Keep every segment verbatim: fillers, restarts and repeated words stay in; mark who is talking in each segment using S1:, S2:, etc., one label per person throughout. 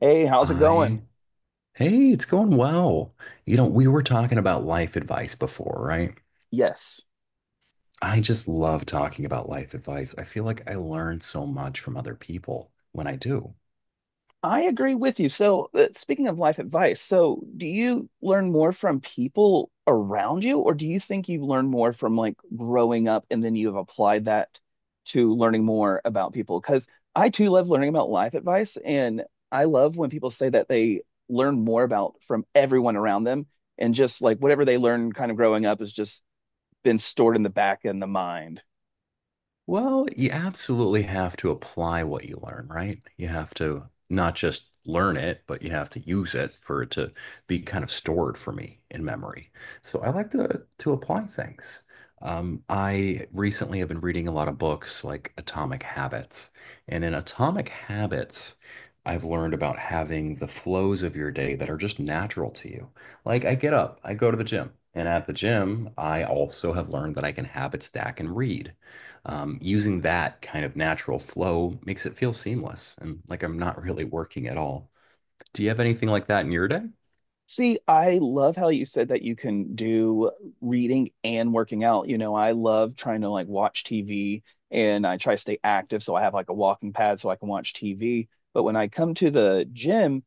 S1: Hey, how's it
S2: I,
S1: going?
S2: Hey, it's going well. You know, we were talking about life advice before, right?
S1: Yes,
S2: I just love talking about life advice. I feel like I learn so much from other people when I do.
S1: I agree with you. So, uh, speaking of life advice, so do you learn more from people around you, or do you think you learn more from like growing up and then you've applied that to learning more about people? Because I too love learning about life advice, and I love when people say that they learn more about from everyone around them, and just like whatever they learn kind of growing up has just been stored in the back in the mind.
S2: Well, you absolutely have to apply what you learn, right? You have to not just learn it, but you have to use it for it to be kind of stored for me in memory. So I like to to apply things. Um, I recently have been reading a lot of books like Atomic Habits. And in Atomic Habits, I've learned about having the flows of your day that are just natural to you. Like I get up, I go to the gym, and at the gym, I also have learned that I can habit stack and read um, using that kind of natural flow makes it feel seamless and like I'm not really working at all. Do you have anything like that in your day?
S1: See, I love how you said that you can do reading and working out. You know, I love trying to like watch T V and I try to stay active. So I have like a walking pad so I can watch T V. But when I come to the gym,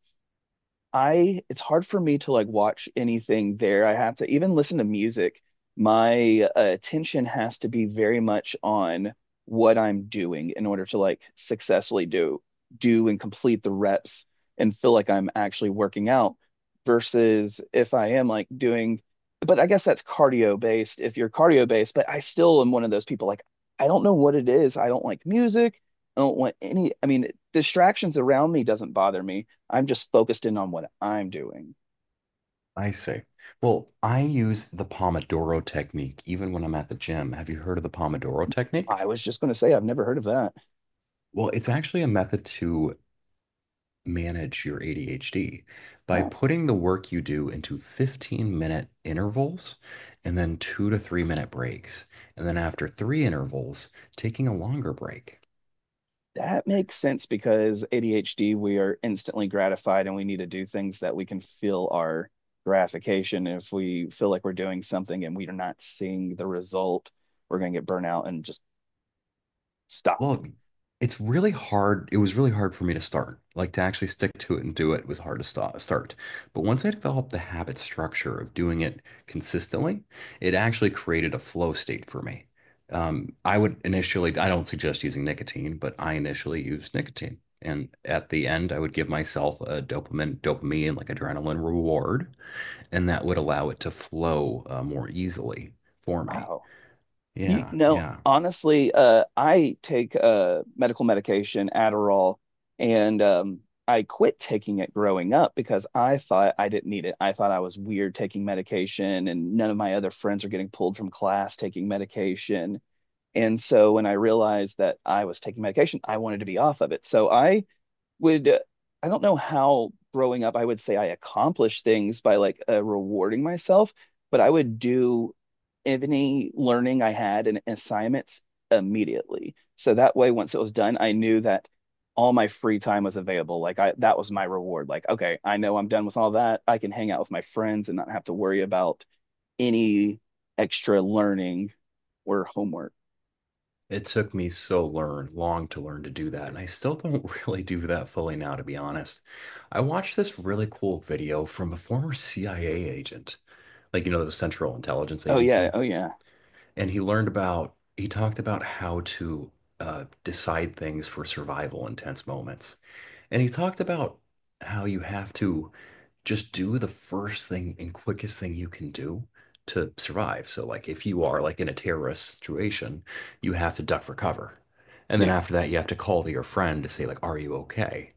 S1: I it's hard for me to like watch anything there. I have to even listen to music. My uh, attention has to be very much on what I'm doing in order to like successfully do do and complete the reps and feel like I'm actually working out versus if I am like doing, but I guess that's cardio based, if you're cardio based, but I still am one of those people like I don't know what it is. I don't like music. I don't want any, I mean, distractions around me doesn't bother me. I'm just focused in on what I'm doing.
S2: I see. Well, I use the Pomodoro technique even when I'm at the gym. Have you heard of the Pomodoro
S1: I
S2: technique?
S1: was just going to say, I've never heard of that.
S2: Well, it's actually a method to manage your A D H D by
S1: Oh,
S2: putting the work you do into fifteen minute intervals and then two to three minute breaks. And then after three intervals, taking a longer break.
S1: that makes sense because A D H D, we are instantly gratified and we need to do things that we can feel our gratification. If we feel like we're doing something and we are not seeing the result, we're going to get burnt out and just stop.
S2: Well, it's really hard. It was really hard for me to start. Like to actually stick to it and do it was hard to stop, start. But once I developed the habit structure of doing it consistently, it actually created a flow state for me. Um, I would initially, I don't suggest using nicotine, but I initially used nicotine. And at the end, I would give myself a dopamine, dopamine, like adrenaline reward, and that would allow it to flow uh, more easily for me.
S1: Wow. You
S2: Yeah,
S1: know,
S2: yeah.
S1: honestly, uh, I take uh, medical medication, Adderall, and um, I quit taking it growing up because I thought I didn't need it. I thought I was weird taking medication, and none of my other friends are getting pulled from class taking medication. And so when I realized that I was taking medication, I wanted to be off of it. So I would uh, I don't know how growing up I would say I accomplished things by like uh, rewarding myself, but I would do any learning I had and assignments immediately. So that way, once it was done, I knew that all my free time was available. Like I, that was my reward. Like, okay, I know I'm done with all that. I can hang out with my friends and not have to worry about any extra learning or homework.
S2: It took me so learn long to learn to do that, and I still don't really do that fully now, to be honest. I watched this really cool video from a former C I A agent, like you know, the Central Intelligence
S1: Oh yeah,
S2: Agency,
S1: oh yeah,
S2: and he learned about he talked about how to uh, decide things for survival in tense moments. And he talked about how you have to just do the first thing and quickest thing you can do to survive. So, like, if you are like in a terrorist situation, you have to duck for cover. And then
S1: yeah.
S2: after that, you have to call to your friend to say, like, are you okay?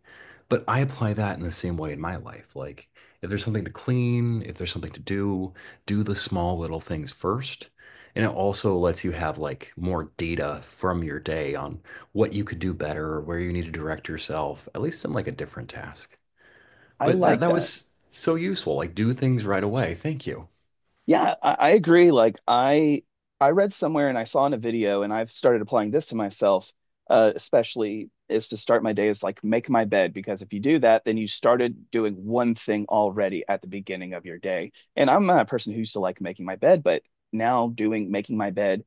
S2: But I apply that in the same way in my life. Like, if there's something to clean, if there's something to do, do the small little things first, and it also lets you have like more data from your day on what you could do better or where you need to direct yourself, at least in like a different task.
S1: I
S2: But that
S1: like
S2: that
S1: that.
S2: was so useful. Like do things right away. Thank you.
S1: Yeah, I, I agree. Like I I read somewhere and I saw in a video and I've started applying this to myself, uh, especially is to start my day is like make my bed because if you do that, then you started doing one thing already at the beginning of your day. And I'm not a person who used to like making my bed, but now doing making my bed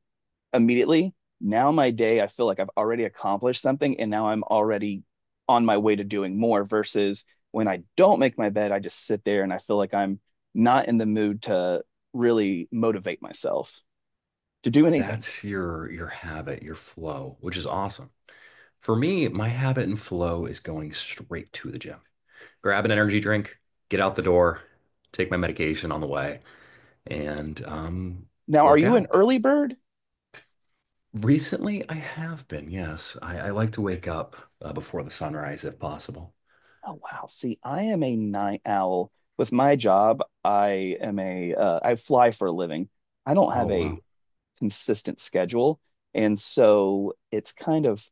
S1: immediately. Now my day, I feel like I've already accomplished something and now I'm already on my way to doing more versus when I don't make my bed, I just sit there and I feel like I'm not in the mood to really motivate myself to do anything.
S2: That's your your habit, your flow, which is awesome. For me, my habit and flow is going straight to the gym. Grab an energy drink, get out the door, take my medication on the way, and um,
S1: Now, are
S2: work
S1: you an
S2: out.
S1: early bird?
S2: Recently, I have been, yes. I, I like to wake up uh, before the sunrise if possible.
S1: Oh, wow. See, I am a night owl. With my job, I am a uh, I fly for a living. I don't
S2: Oh,
S1: have a
S2: wow.
S1: consistent schedule, and so it's kind of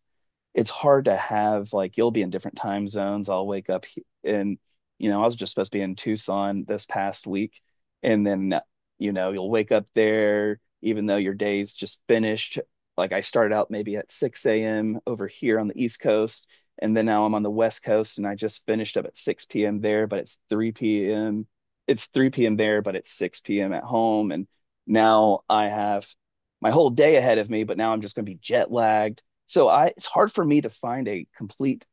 S1: it's hard to have like you'll be in different time zones. I'll wake up he- And you know, I was just supposed to be in Tucson this past week and then you know, you'll wake up there even though your day's just finished. Like I started out maybe at six a m over here on the East Coast and then now I'm on the West Coast and I just finished up at six p m there, but it's three p m. It's three p m there, but it's six p m at home and now I have my whole day ahead of me, but now I'm just going to be jet lagged so I it's hard for me to find a complete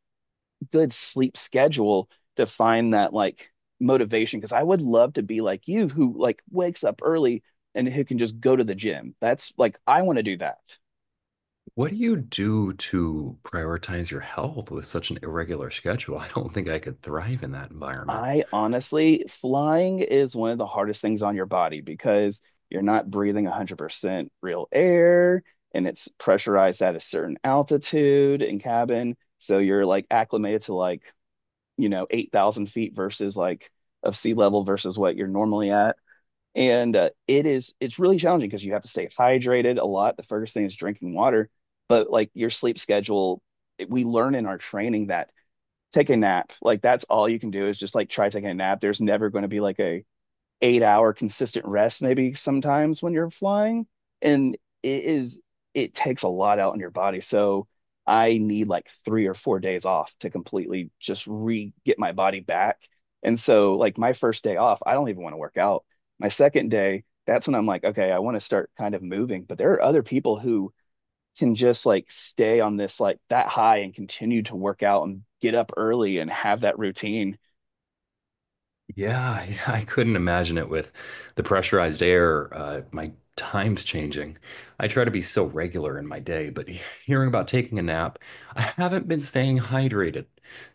S1: good sleep schedule to find that like motivation because I would love to be like you who like wakes up early and who can just go to the gym. That's like I want to do that.
S2: What do you do to prioritize your health with such an irregular schedule? I don't think I could thrive in that environment.
S1: I honestly, flying is one of the hardest things on your body because you're not breathing one hundred percent real air and it's pressurized at a certain altitude in cabin. So you're like acclimated to like you know, eight thousand feet versus like of sea level versus what you're normally at. And uh, it is, it's really challenging because you have to stay hydrated a lot. The first thing is drinking water, but like your sleep schedule, we learn in our training that take a nap, like that's all you can do is just like try taking a nap. There's never going to be like a, eight hour consistent rest maybe sometimes when you're flying and it is it takes a lot out on your body so I need like three or four days off to completely just re get my body back. And so like my first day off I don't even want to work out. My second day that's when I'm like okay I want to start kind of moving but there are other people who can just like stay on this like that high and continue to work out and get up early and have that routine.
S2: Yeah, yeah, I couldn't imagine it with the pressurized air, uh, my time's changing. I try to be so regular in my day, but he- hearing about taking a nap, I haven't been staying hydrated.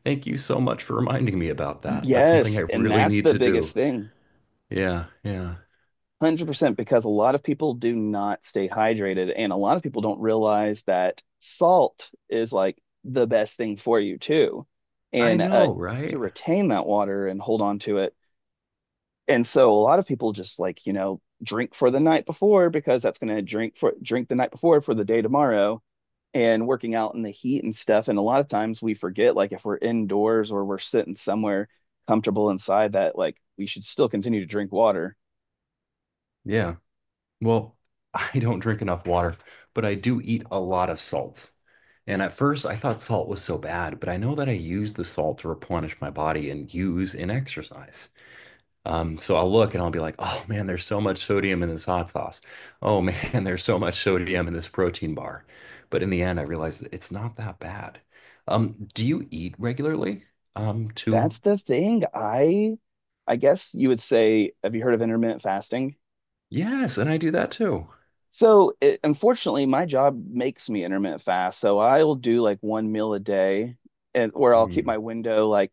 S2: Thank you so much for reminding me about that. That's something
S1: Yes
S2: I
S1: and
S2: really
S1: that's
S2: need
S1: the
S2: to
S1: biggest
S2: do.
S1: thing,
S2: Yeah, yeah.
S1: one hundred percent, because a lot of people do not stay hydrated and a lot of people don't realize that salt is like the best thing for you too,
S2: I
S1: and uh,
S2: know,
S1: to
S2: right?
S1: retain that water and hold on to it. And so a lot of people just like you know drink for the night before because that's going to drink for drink the night before for the day tomorrow, and working out in the heat and stuff, and a lot of times we forget like if we're indoors or we're sitting somewhere comfortable inside that like we should still continue to drink water.
S2: Yeah. Well, I don't drink enough water, but I do eat a lot of salt. And at first, I thought salt was so bad, but I know that I use the salt to replenish my body and use in exercise. Um, so I'll look and I'll be like, oh man, there's so much sodium in this hot sauce. Oh man, there's so much sodium in this protein bar. But in the end, I realized it's not that bad. Um, do you eat regularly? Um, to
S1: That's the thing. I I guess you would say, have you heard of intermittent fasting?
S2: yes, and I do that too.
S1: So it, unfortunately, my job makes me intermittent fast. So I'll do like one meal a day and where I'll keep
S2: Mm,
S1: my window like,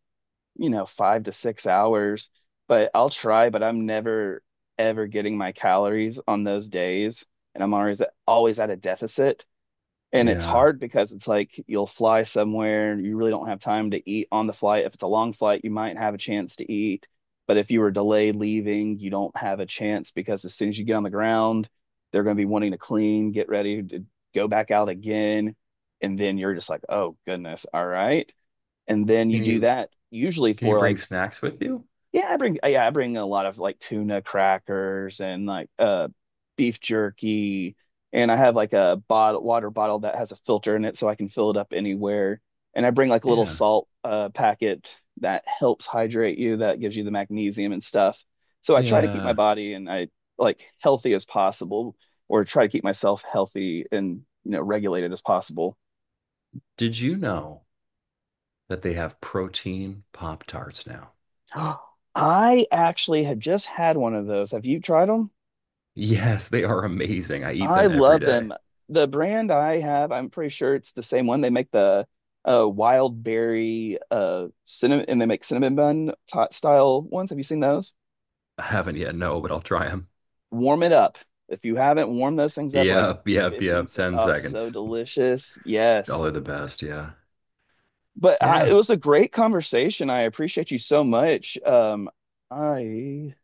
S1: you know, five to six hours, but I'll try, but I'm never ever getting my calories on those days. And I'm always always at a deficit. And it's
S2: yeah.
S1: hard because it's like you'll fly somewhere, you really don't have time to eat on the flight. If it's a long flight, you might have a chance to eat. But if you were delayed leaving, you don't have a chance because as soon as you get on the ground, they're going to be wanting to clean, get ready to go back out again. And then you're just like, oh, goodness. All right. And then you
S2: Can
S1: do
S2: you
S1: that usually
S2: can you
S1: for
S2: bring
S1: like
S2: snacks with you?
S1: yeah, I bring yeah, I bring a lot of like tuna crackers and like uh beef jerky and I have like a bottle water bottle that has a filter in it so I can fill it up anywhere. And I bring like a little
S2: Yeah.
S1: salt uh packet that helps hydrate you, that gives you the magnesium and stuff. So I try to keep my
S2: Yeah.
S1: body and I like healthy as possible, or try to keep myself healthy and you know regulated as possible.
S2: Did you know that they have protein Pop Tarts now?
S1: I actually had just had one of those. Have you tried them?
S2: Yes, they are amazing. I eat
S1: I
S2: them every
S1: love
S2: day.
S1: them. The brand I have, I'm pretty sure it's the same one. They make the uh, wild berry uh, cinnamon, and they make cinnamon bun t style ones. Have you seen those?
S2: I haven't yet, no, but I'll try them.
S1: Warm it up. If you haven't, warm those things up like
S2: Yep, yep,
S1: 15
S2: yep.
S1: se-
S2: ten
S1: Oh, so
S2: seconds.
S1: delicious.
S2: Oh,
S1: Yes.
S2: they're the best. Yeah.
S1: But I, it
S2: Yeah.
S1: was a great conversation. I appreciate you so much. Um, I